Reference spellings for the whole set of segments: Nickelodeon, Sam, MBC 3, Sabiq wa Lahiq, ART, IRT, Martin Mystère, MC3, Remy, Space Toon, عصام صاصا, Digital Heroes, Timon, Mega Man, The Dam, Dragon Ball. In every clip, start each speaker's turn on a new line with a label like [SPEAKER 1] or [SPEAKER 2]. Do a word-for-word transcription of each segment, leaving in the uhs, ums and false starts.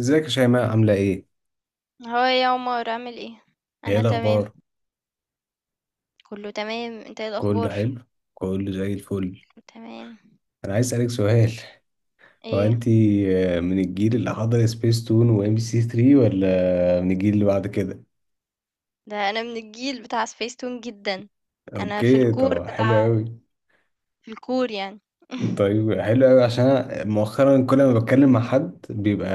[SPEAKER 1] ازيك يا شيماء، عاملة ايه؟
[SPEAKER 2] هو إيه يا عمر؟ عامل ايه؟
[SPEAKER 1] ايه
[SPEAKER 2] انا تمام.
[SPEAKER 1] الأخبار؟
[SPEAKER 2] كله تمام. انت ايه
[SPEAKER 1] كله
[SPEAKER 2] الاخبار؟
[SPEAKER 1] حلو؟ كله زي الفل.
[SPEAKER 2] كله تمام.
[SPEAKER 1] أنا عايز أسألك سؤال. هو
[SPEAKER 2] ايه
[SPEAKER 1] أنتي آه، من الجيل اللي حضر سبيس تون وام بي سي ثري ولا من الجيل اللي بعد كده؟
[SPEAKER 2] ده، انا من الجيل بتاع سبيس تون جدا. انا في
[SPEAKER 1] اوكي،
[SPEAKER 2] الكور
[SPEAKER 1] طب حلو
[SPEAKER 2] بتاع
[SPEAKER 1] أوي.
[SPEAKER 2] في الكور يعني
[SPEAKER 1] طيب حلو قوي، عشان أنا مؤخرا كل ما بتكلم مع حد بيبقى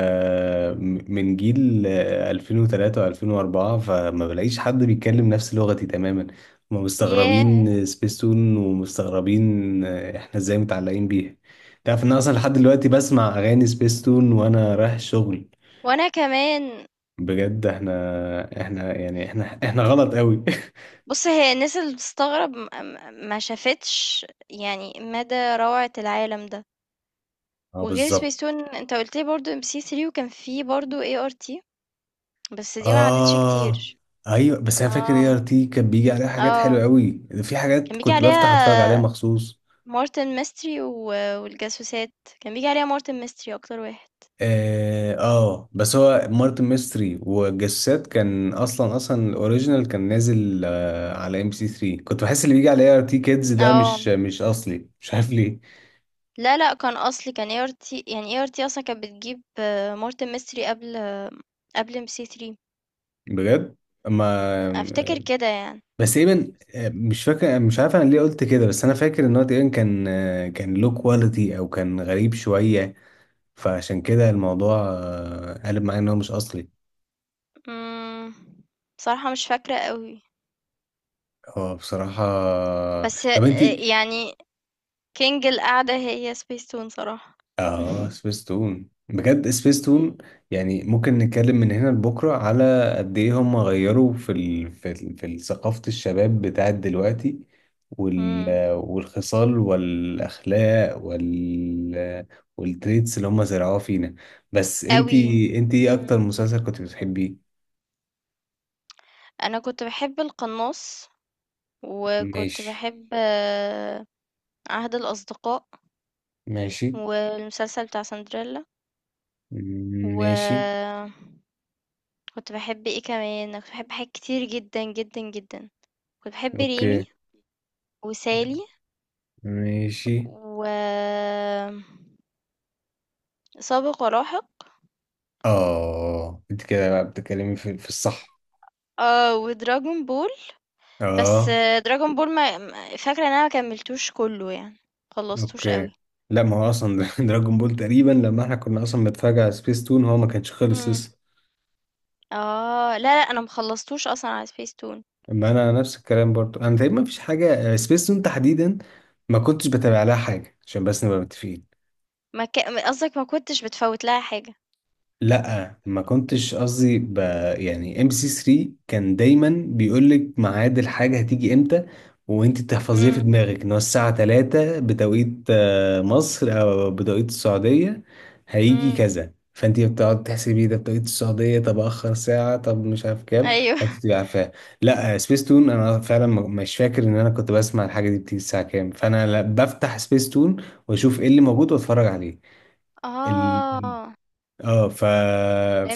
[SPEAKER 1] م- من جيل آه، ألفين وتلاتة و2004، فما بلاقيش حد بيتكلم نفس لغتي تماما. هما
[SPEAKER 2] ياه،
[SPEAKER 1] مستغربين سبيستون ومستغربين آه، احنا ازاي متعلقين بيها. تعرف ان أنا اصلا لحد دلوقتي بسمع اغاني سبيستون وانا رايح شغل؟
[SPEAKER 2] وانا كمان.
[SPEAKER 1] بجد احنا احنا يعني احنا احنا غلط قوي.
[SPEAKER 2] بص، هي الناس اللي بتستغرب م- م- ما شافتش يعني مدى روعة العالم ده.
[SPEAKER 1] اه
[SPEAKER 2] وغير
[SPEAKER 1] بالظبط.
[SPEAKER 2] سبيس تون، انت قلت لي برضو ام سي تلاتة، وكان في برضو اي ار تي، بس دي ما عدتش
[SPEAKER 1] اه،
[SPEAKER 2] كتير.
[SPEAKER 1] ايوه، بس انا فاكر اي ار
[SPEAKER 2] اه.
[SPEAKER 1] تي كان بيجي عليها حاجات حلوه
[SPEAKER 2] اه،
[SPEAKER 1] قوي، في حاجات
[SPEAKER 2] كان بيجي
[SPEAKER 1] كنت بفتح اتفرج عليها
[SPEAKER 2] عليها
[SPEAKER 1] مخصوص.
[SPEAKER 2] مارتن ميستري و... والجاسوسات. كان بيجي عليها مارتن ميستري اكتر واحد.
[SPEAKER 1] اه, آه بس هو مارتن ميستري والجسات كان اصلا اصلا الاوريجينال كان نازل آه على ام سي ثلاثة. كنت بحس اللي بيجي على اي ار تي كيدز ده مش
[SPEAKER 2] اه،
[SPEAKER 1] مش اصلي، مش عارف ليه.
[SPEAKER 2] لا لا، كان اصلي، كان اي ار تي، يعني اي ار تي اصلا كانت بتجيب آه، مارتن ميستري قبل آه، قبل ام سي تلاتة،
[SPEAKER 1] بجد ما،
[SPEAKER 2] افتكر كده يعني.
[SPEAKER 1] بس تقريبا آه، مش فاكر، مش عارف انا ليه قلت كده، بس انا فاكر ان هو تقريبا كان آه، كان لو كواليتي او كان غريب شويه، فعشان كده الموضوع آه، قلب معايا ان هو مش اصلي.
[SPEAKER 2] امم صراحة مش فاكرة قوي،
[SPEAKER 1] هو بصراحة.
[SPEAKER 2] بس
[SPEAKER 1] طب انت.
[SPEAKER 2] آه، يعني كينج القعدة هي سبيس تون صراحة.
[SPEAKER 1] اه سبيس تون، بجد سبيس تون. يعني ممكن نتكلم من هنا لبكرة على قد ايه هم غيروا في ال... في ال... في ثقافة الشباب بتاعت دلوقتي. وال...
[SPEAKER 2] امم،
[SPEAKER 1] والخصال والاخلاق وال والتريتس اللي هم زرعوها فينا. بس انت
[SPEAKER 2] قوي.
[SPEAKER 1] انت ايه
[SPEAKER 2] امم
[SPEAKER 1] اكتر مسلسل كنت بتحبيه؟
[SPEAKER 2] انا كنت بحب القناص، وكنت
[SPEAKER 1] ماشي.
[SPEAKER 2] بحب آه، عهد الاصدقاء،
[SPEAKER 1] ماشي.
[SPEAKER 2] والمسلسل بتاع سندريلا،
[SPEAKER 1] ماشي.
[SPEAKER 2] و كنت بحب ايه كمان؟ أنا كنت بحب حاجات كتير جدا جدا جدا. كنت بحب ريمي،
[SPEAKER 1] اوكي.
[SPEAKER 2] وسالي،
[SPEAKER 1] ماشي.
[SPEAKER 2] و سابق ولاحق.
[SPEAKER 1] اه، انت كده بقى بتتكلمي في, في الصح.
[SPEAKER 2] اه، ودراجون بول، بس
[SPEAKER 1] اه.
[SPEAKER 2] آه، دراجون بول ما ما- فاكره ان انا ما كملتوش كله يعني، خلصتوش
[SPEAKER 1] اوكي،
[SPEAKER 2] قوي.
[SPEAKER 1] لا ما هو اصلا دراجون بول تقريبا لما احنا كنا اصلا بنتفرج على سبيس تون هو ما كانش خلص
[SPEAKER 2] مم.
[SPEAKER 1] لسه.
[SPEAKER 2] اه، لا لا، انا مخلصتوش اصلا على سبيس تون.
[SPEAKER 1] اما انا نفس الكلام برضو، انا تقريبا ما فيش حاجه سبيس تون تحديدا ما كنتش بتابع لها حاجه، عشان بس نبقى متفقين.
[SPEAKER 2] ما ك... قصدك ما كنتش بتفوت لها حاجه.
[SPEAKER 1] لا ما كنتش قصدي ب... يعني ام سي ثلاثة كان دايما بيقول لك ميعاد الحاجه هتيجي امتى، وانت تحفظيها في
[SPEAKER 2] امم.
[SPEAKER 1] دماغك ان هو الساعه الثالثة بتوقيت آه، مصر او بتوقيت السعوديه. هيجي
[SPEAKER 2] امم.
[SPEAKER 1] كذا، فانت بتقعد تحسبي ده بتوقيت السعوديه، طب اخر ساعه، طب مش عارف كام.
[SPEAKER 2] ايوه.
[SPEAKER 1] فانت تبقي عارفاها. لا آه، سبيس تون انا فعلا م- مش فاكر ان انا كنت بسمع الحاجه دي بتيجي الساعه كام، فانا لا بفتح سبيس تون واشوف ايه اللي موجود واتفرج عليه.
[SPEAKER 2] اه،
[SPEAKER 1] اه ف...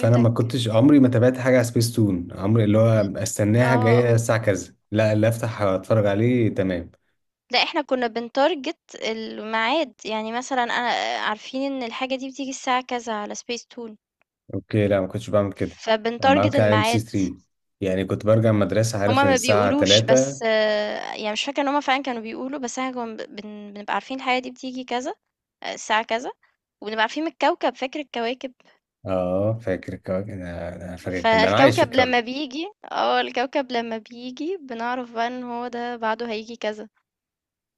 [SPEAKER 1] فانا ما كنتش عمري ما تابعت حاجه على سبيس تون عمري اللي
[SPEAKER 2] ل
[SPEAKER 1] هو استناها
[SPEAKER 2] آه،
[SPEAKER 1] جايه
[SPEAKER 2] آه.
[SPEAKER 1] الساعه كذا، لا اللي افتح اتفرج عليه. تمام.
[SPEAKER 2] لأ، إحنا كُنّا بنتارجت الميعاد، يعني مثلًا أنا آه، عارفين إن الحاجة دي بتيجي الساعة كذا على Space Toon،
[SPEAKER 1] اوكي، لا ما كنتش بعمل كده. انا بعمل
[SPEAKER 2] فبنتارجت
[SPEAKER 1] كده على ام سي
[SPEAKER 2] الميعاد.
[SPEAKER 1] ثلاثة. يعني كنت برجع من المدرسه
[SPEAKER 2] هُم
[SPEAKER 1] عارف ان
[SPEAKER 2] ما
[SPEAKER 1] الساعه
[SPEAKER 2] بيقولوش،
[SPEAKER 1] الثالثة.
[SPEAKER 2] بس آه، يعني مش فاكرة إن هُم فعلًا كانوا بيقولوا، بس إحنا كُنّا ب بن بنبقى عارفين الحاجة دي بتيجي كذا، آه، الساعة كذا، وبنبقى عارفين من الكوكب، فاكر الكواكب؟
[SPEAKER 1] اه فاكر الكواكب، انا أنا فاكر، كان ده انا عايش في
[SPEAKER 2] فالكوكب
[SPEAKER 1] الكواكب.
[SPEAKER 2] لمّا بييجي آه، الكوكب لمّا بييجي بنعرف بقى إن هو ده بعده هييجي كذا.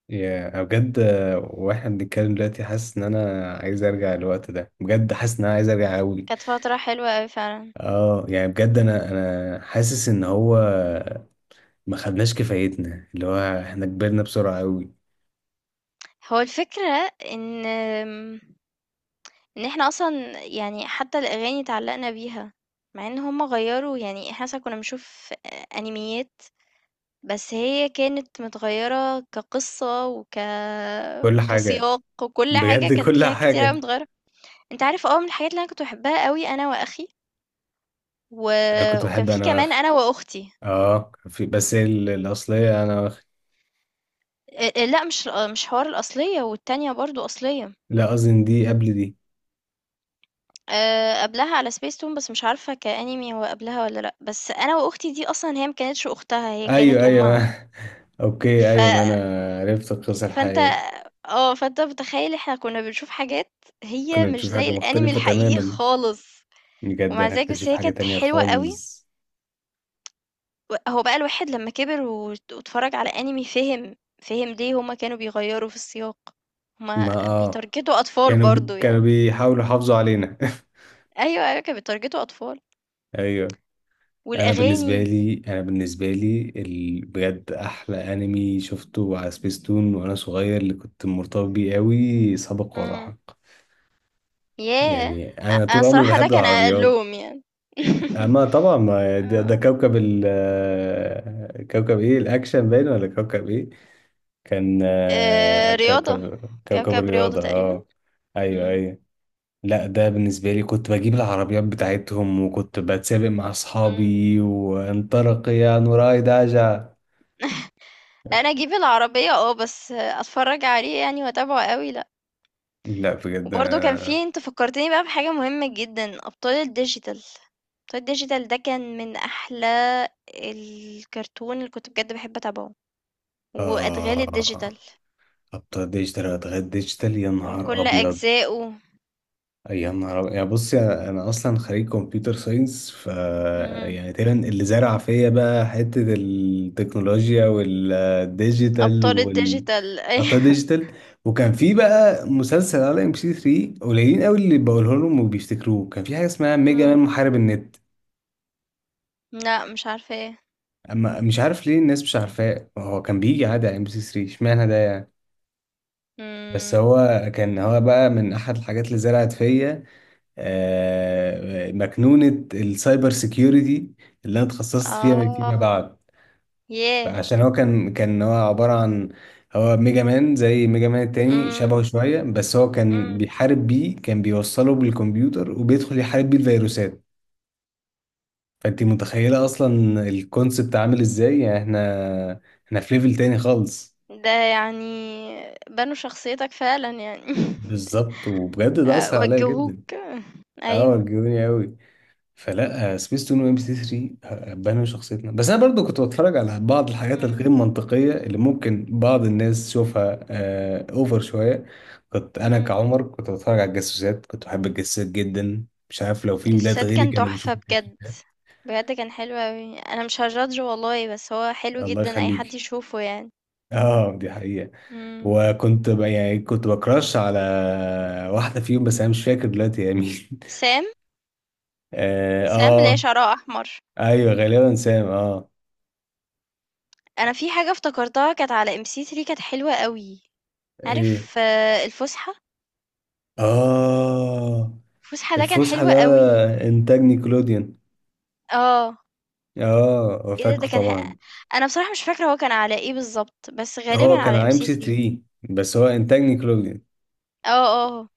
[SPEAKER 1] يا أنا بجد، آه، واحنا بنتكلم دلوقتي حاسس ان انا عايز ارجع الوقت ده، بجد حاسس ان انا عايز ارجع قوي.
[SPEAKER 2] كانت فترة حلوة أوي فعلًا.
[SPEAKER 1] اه، يعني بجد انا انا حاسس ان هو ما خدناش كفايتنا، اللي هو احنا كبرنا بسرعة قوي.
[SPEAKER 2] هو الفكرة إن آمم إن إحنا أصلًا يعني، حتى الأغاني اتعلّقنا بيها، مع إن هُم غيّروا، يعني إحنا مثلًا كنّا بنشوف أ أنيميات، بس هي كانت متغيّرة كقصّة وك
[SPEAKER 1] كل حاجة.
[SPEAKER 2] كسياق، وكل حاجة
[SPEAKER 1] بجد
[SPEAKER 2] كانت
[SPEAKER 1] كل
[SPEAKER 2] فيها كتير أوي
[SPEAKER 1] حاجة.
[SPEAKER 2] متغيّرة. أنت عارف آه، من الحاجات اللي أنا كنت باحبها أوي أنا وأخي، و
[SPEAKER 1] انا كنت
[SPEAKER 2] وكان
[SPEAKER 1] بحب
[SPEAKER 2] في
[SPEAKER 1] انا
[SPEAKER 2] كمان
[SPEAKER 1] واخي.
[SPEAKER 2] أنا وأختي.
[SPEAKER 1] اه، في بس ال- الاصلية انا واخي.
[SPEAKER 2] أ أ لأ، مش الأ مش حوار الأصلية، والتانية برضه أصلية،
[SPEAKER 1] لا قصدي إن دي قبل دي.
[SPEAKER 2] آآ قبلها على Space Tune، بس مش عارفة كAnime هو قبلها والّا لأ، بس أنا وأختي دي أصلًا هي ما كانتش أختها، هي كانت
[SPEAKER 1] ايوه ايوه
[SPEAKER 2] أمها.
[SPEAKER 1] ما. اوكي،
[SPEAKER 2] ف
[SPEAKER 1] ايوه ما انا عرفت القصة
[SPEAKER 2] فأنت،
[SPEAKER 1] الحقيقية.
[SPEAKER 2] آه، فأنت متخيّل إحنا كُنّا بنشوف حاجات هي
[SPEAKER 1] كنا
[SPEAKER 2] مش
[SPEAKER 1] بنشوف
[SPEAKER 2] زي
[SPEAKER 1] حاجة
[SPEAKER 2] الأنمي
[SPEAKER 1] مختلفة
[SPEAKER 2] الحقيقي
[SPEAKER 1] تماما،
[SPEAKER 2] خالص،
[SPEAKER 1] بجد
[SPEAKER 2] ومع
[SPEAKER 1] انا
[SPEAKER 2] ذلك
[SPEAKER 1] كنت
[SPEAKER 2] بس
[SPEAKER 1] بشوف
[SPEAKER 2] هي
[SPEAKER 1] حاجة
[SPEAKER 2] كانت
[SPEAKER 1] تانية
[SPEAKER 2] حلوة أوي،
[SPEAKER 1] خالص.
[SPEAKER 2] و هو بقى الواحد لمّا كِبِر وات واتفرّج على أنمي فِهم، فِهم ليه هُم كانوا بيغيّروا في السياق، هُم
[SPEAKER 1] ما اه،
[SPEAKER 2] بيتارجتوا أطفال
[SPEAKER 1] كانوا بي...
[SPEAKER 2] برضه
[SPEAKER 1] كانوا
[SPEAKER 2] يعني.
[SPEAKER 1] بيحاولوا يحافظوا علينا.
[SPEAKER 2] أيوه، أيوه كانوا بيتارجتوا أطفال،
[SPEAKER 1] ايوه. انا بالنسبه
[SPEAKER 2] والأغاني.
[SPEAKER 1] لي انا بالنسبه لي ال- بجد احلى انمي شفته على سبيستون وانا صغير اللي كنت مرتبط بيه قوي سابق
[SPEAKER 2] إمم،
[SPEAKER 1] ولاحق.
[SPEAKER 2] ياه!
[SPEAKER 1] يعني
[SPEAKER 2] أ
[SPEAKER 1] انا
[SPEAKER 2] أنا
[SPEAKER 1] طول عمري
[SPEAKER 2] الصراحة ده
[SPEAKER 1] بحب
[SPEAKER 2] كان
[SPEAKER 1] العربيات.
[SPEAKER 2] أقلّهم يعني.
[SPEAKER 1] اما طبعا ما ده, ده
[SPEAKER 2] آه،
[SPEAKER 1] كوكب ال كوكب ايه، الاكشن باين، ولا كوكب ايه؟ كان آه،
[SPEAKER 2] آآ رياضة،
[SPEAKER 1] كوكب كوكب
[SPEAKER 2] كوكب رياضة
[SPEAKER 1] الرياضه،
[SPEAKER 2] تقريبًا.
[SPEAKER 1] اه. ايوه
[SPEAKER 2] إمم.
[SPEAKER 1] ايوه. لا ده بالنسبة لي كنت بجيب العربيات بتاعتهم وكنت بتسابق مع
[SPEAKER 2] إمم.
[SPEAKER 1] أصحابي، وانطلق يا نوراي داجا.
[SPEAKER 2] لأ، أنا أجيب العربية آه، بس أتفرّج عليه يعني، وأتابعه أوي لأ.
[SPEAKER 1] لا بجد
[SPEAKER 2] وبرضه كان
[SPEAKER 1] انا.
[SPEAKER 2] في، أنت فكّرتني بقى بحاجة مهمة جدًا، أبطال الdigital. أبطال الdigital ده كان من أحلى الكرتون اللي كنت بجد باحب أتابعه، وأدغال الdigital
[SPEAKER 1] اه، ابطال ديجيتال واتغير ديجيتال، يا نهار
[SPEAKER 2] بكل
[SPEAKER 1] ابيض.
[SPEAKER 2] أجزائه.
[SPEAKER 1] يا نهار أبيض. يعني بص يا- انا اصلا خريج كمبيوتر ساينس. ف
[SPEAKER 2] إمم.
[SPEAKER 1] يعني تقريبا اللي زرع فيا بقى حته التكنولوجيا والديجيتال
[SPEAKER 2] أبطال
[SPEAKER 1] وال،
[SPEAKER 2] الdigital
[SPEAKER 1] ابطال
[SPEAKER 2] أيوه.
[SPEAKER 1] ديجيتال. وكان في بقى مسلسل على ام بي ثري قليلين قوي اللي بقوله لهم وبيفتكروه، كان في حاجه اسمها ميجا مان
[SPEAKER 2] إمم.
[SPEAKER 1] محارب النت.
[SPEAKER 2] لأ، مش عارفاه.
[SPEAKER 1] اما مش عارف ليه الناس مش عارفاه، هو كان بيجي عادي على ام بي ثري، اشمعنى ده يعني؟ بس
[SPEAKER 2] إمم.
[SPEAKER 1] هو كان، هو بقى من احد الحاجات اللي زرعت فيا آه، مكنونة السايبر سيكيورتي اللي انا اتخصصت فيها فيما
[SPEAKER 2] آه.
[SPEAKER 1] بعد.
[SPEAKER 2] ياه!
[SPEAKER 1] عشان هو كان، كان هو عبارة عن، هو ميجا مان زي ميجا مان التاني
[SPEAKER 2] إمم.
[SPEAKER 1] شبهه شوية، بس هو كان
[SPEAKER 2] إمم.
[SPEAKER 1] بيحارب بيه، كان بيوصله بالكمبيوتر وبيدخل يحارب بيه الفيروسات. فانت متخيلة اصلا الكونسبت عامل ازاي؟ يعني احنا، احنا في ليفل تاني خالص.
[SPEAKER 2] ده يعني بنوا شخصيتك فعلًا يعني.
[SPEAKER 1] بالظبط، وبجد ده
[SPEAKER 2] آآ
[SPEAKER 1] اثر عليا جدا.
[SPEAKER 2] وجّهوك،
[SPEAKER 1] اه،
[SPEAKER 2] أيوه.
[SPEAKER 1] وجهوني قوي. فلا سبيس تون وام بي سي ثلاثة بنوا شخصيتنا، بس انا برضو كنت بتفرج على بعض الحاجات
[SPEAKER 2] إمم،
[SPEAKER 1] الغير منطقيه اللي ممكن بعض الناس تشوفها آه اوفر شويه. كنت انا
[SPEAKER 2] إمم.
[SPEAKER 1] كعمر كنت بتفرج على الجاسوسات، كنت بحب الجاسوسات جدا، مش عارف لو في ولاد
[SPEAKER 2] السَّد
[SPEAKER 1] غيري
[SPEAKER 2] كان
[SPEAKER 1] كانوا
[SPEAKER 2] تحفة
[SPEAKER 1] بيشوفوا
[SPEAKER 2] بجد،
[SPEAKER 1] الجاسوسات.
[SPEAKER 2] بجد كان حلو أوي. أنا مش هajudge والله، بس هو حلو
[SPEAKER 1] الله
[SPEAKER 2] جدًا، أي حد
[SPEAKER 1] يخليكي.
[SPEAKER 2] يشوفه يعني.
[SPEAKER 1] اه دي حقيقه.
[SPEAKER 2] إمم.
[SPEAKER 1] وكنت ب... يعني كنت بكراش على واحده فيهم بس انا مش فاكر دلوقتي يا مين.
[SPEAKER 2] سام،
[SPEAKER 1] اه,
[SPEAKER 2] سام اللي هي
[SPEAKER 1] آه
[SPEAKER 2] شعرها أحمر.
[SPEAKER 1] ايوه غالبا سام، اه.
[SPEAKER 2] أنا في حاجة افتكرتها كانت على إم سي تلاتة، كانت حلوة أوي.
[SPEAKER 1] ايه.
[SPEAKER 2] عارف آه، الفُسحة؟
[SPEAKER 1] اه.
[SPEAKER 2] الفُسحة ده كان
[SPEAKER 1] الفسحة
[SPEAKER 2] حلو
[SPEAKER 1] ده
[SPEAKER 2] أوي.
[SPEAKER 1] إنتاج نيكلوديان.
[SPEAKER 2] آه.
[SPEAKER 1] آه
[SPEAKER 2] إيه ده؟ ده
[SPEAKER 1] فاكره
[SPEAKER 2] كان ح
[SPEAKER 1] طبعا.
[SPEAKER 2] أنا بصراحة مش فاكرة هو كان على إيه بالضبط، بس غالبًا
[SPEAKER 1] هو كان
[SPEAKER 2] على
[SPEAKER 1] على ام سي
[SPEAKER 2] إم سي تلاتة.
[SPEAKER 1] ثري بس هو إنتاج نيكلوديان.
[SPEAKER 2] آه، آه. آه.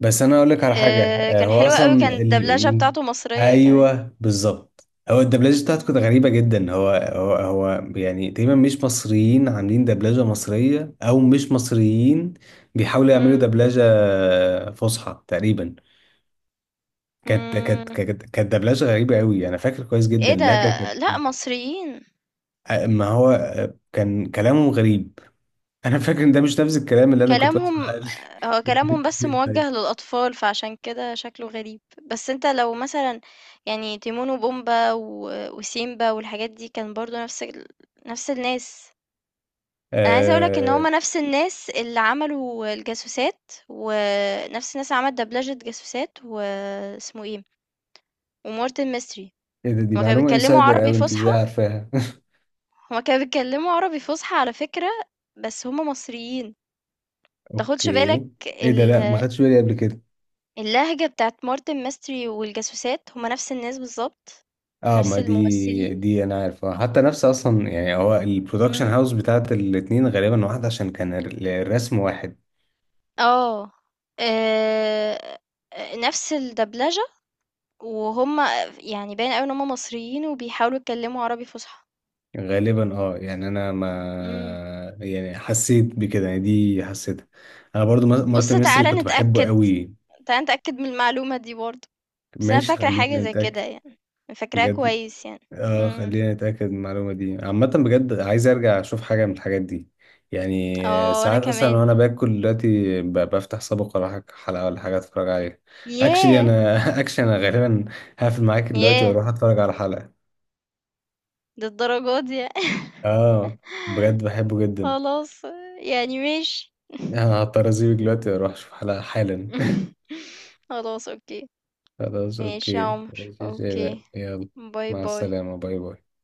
[SPEAKER 1] بس أنا أقولك على حاجة
[SPEAKER 2] آه،
[SPEAKER 1] آه،
[SPEAKER 2] كان
[SPEAKER 1] هو
[SPEAKER 2] حلو قوي، كان
[SPEAKER 1] أصلا ال...
[SPEAKER 2] الدبلجة
[SPEAKER 1] ين-
[SPEAKER 2] بتاعته مصرية كمان.
[SPEAKER 1] أيوه بالظبط. هو الدبلجة بتاعته كانت
[SPEAKER 2] مم.
[SPEAKER 1] غريبة جدا، هو هو هو يعني تقريبا مش مصريين عاملين دبلجة مصرية، أو مش مصريين بيحاولوا يعملوا
[SPEAKER 2] مم.
[SPEAKER 1] دبلجة آه، فصحى تقريبا. كانت كانت
[SPEAKER 2] مم.
[SPEAKER 1] كانت كانت دبلجة غريبة أوي، أنا فاكر كويس جدا
[SPEAKER 2] ايه ده؟
[SPEAKER 1] لهجة كانت
[SPEAKER 2] لا، مصريين.
[SPEAKER 1] آه، ما هو آه، كان كلامه غريب. انا فاكر ان ده مش نفس الكلام اللي انا كنت بسمع.
[SPEAKER 2] كلامهم، هو كلامهم بس
[SPEAKER 1] لي
[SPEAKER 2] موجه للأطفال، فعشان كده شكله غريب. بس انت لو مثلا، يعني تيمون وبومبا و- وسيمبا والحاجات دي كان برضو نفس ال... نفس الناس. انا عايزة اقولك ان
[SPEAKER 1] آه،
[SPEAKER 2] هما نفس الناس اللي عملوا الجاسوسات، ونفس الناس اللي عملت دبلجة جاسوسات واسمه ايه، ومورتن ميستري.
[SPEAKER 1] ايه ده؟ دي
[SPEAKER 2] هُم كانوا
[SPEAKER 1] معلومه
[SPEAKER 2] بيتكلّموا
[SPEAKER 1] انسايدر
[SPEAKER 2] عربي
[SPEAKER 1] قوي، انت
[SPEAKER 2] فُصحى،
[SPEAKER 1] ازاي عارفاها؟
[SPEAKER 2] هُم كانوا بيتكلّموا عربي فُصحى على فكرة، بس هُم مصريين، ما
[SPEAKER 1] اوكي.
[SPEAKER 2] تاخدش بالك.
[SPEAKER 1] ايه ده،
[SPEAKER 2] ال
[SPEAKER 1] لا ما خدتش بالي قبل كده.
[SPEAKER 2] اللهجة بتاعة مارتن ماستري والجاسوسات هُم نفس الناس بالضبط،
[SPEAKER 1] اه
[SPEAKER 2] نفس
[SPEAKER 1] ما دي
[SPEAKER 2] الممثلين.
[SPEAKER 1] دي انا عارف آه، حتى نفس اصلا، يعني هو البرودكشن
[SPEAKER 2] إمم،
[SPEAKER 1] هاوس بتاعت الاتنين غالبا واحد عشان كان ال- الرسم واحد.
[SPEAKER 2] آه، آآ، نفس الدبلجة، وهُم يعني باين أوي إن هُم مصريين وبيحاولوا يتكلّموا عربي فُصحى.
[SPEAKER 1] غالبا اه. يعني انا ما،
[SPEAKER 2] إمم.
[SPEAKER 1] يعني حسيت بكده، يعني دي حسيتها. انا برضو مر- مرت
[SPEAKER 2] بُص،
[SPEAKER 1] مصري
[SPEAKER 2] تعالَ
[SPEAKER 1] كنت بحبه
[SPEAKER 2] نتأكد،
[SPEAKER 1] قوي.
[SPEAKER 2] تعالَ نتأكد من المعلومة دي برضه، بس أنا
[SPEAKER 1] ماشي،
[SPEAKER 2] فاكرة حاجة
[SPEAKER 1] خلينا
[SPEAKER 2] زي كده
[SPEAKER 1] نتأكد.
[SPEAKER 2] يعني، فاكراها
[SPEAKER 1] بجد
[SPEAKER 2] كويس يعني.
[SPEAKER 1] اه،
[SPEAKER 2] إمم.
[SPEAKER 1] خلينا نتأكد من المعلومة دي. عامة بجد عايز ارجع اشوف حاجة من الحاجات دي. يعني آه،
[SPEAKER 2] اه، وانا
[SPEAKER 1] ساعات اصلا
[SPEAKER 2] كمان.
[SPEAKER 1] وانا باكل دلوقتي ب- بفتح سابق، ولا حاجة- حلقة ولا حاجة اتفرج عليها. اكشلي
[SPEAKER 2] ياه.
[SPEAKER 1] انا اكشلي انا غالبا هقفل معاك دلوقتي
[SPEAKER 2] ياه،
[SPEAKER 1] واروح اتفرج على حلقة.
[SPEAKER 2] للدرجة دي يعني.
[SPEAKER 1] اه بجد بحبه جدا.
[SPEAKER 2] خلاص، يعني ماشي.
[SPEAKER 1] انا هضطر اسيبك دلوقتي واروح اشوف حلقة حالا.
[SPEAKER 2] خلاص، اوكي.
[SPEAKER 1] خلاص
[SPEAKER 2] ماشي يا
[SPEAKER 1] اوكي،
[SPEAKER 2] عمر،
[SPEAKER 1] ماشي يا شباب،
[SPEAKER 2] اوكي.
[SPEAKER 1] يلا.
[SPEAKER 2] باي
[SPEAKER 1] مع
[SPEAKER 2] باي.
[SPEAKER 1] السلامة، باي باي.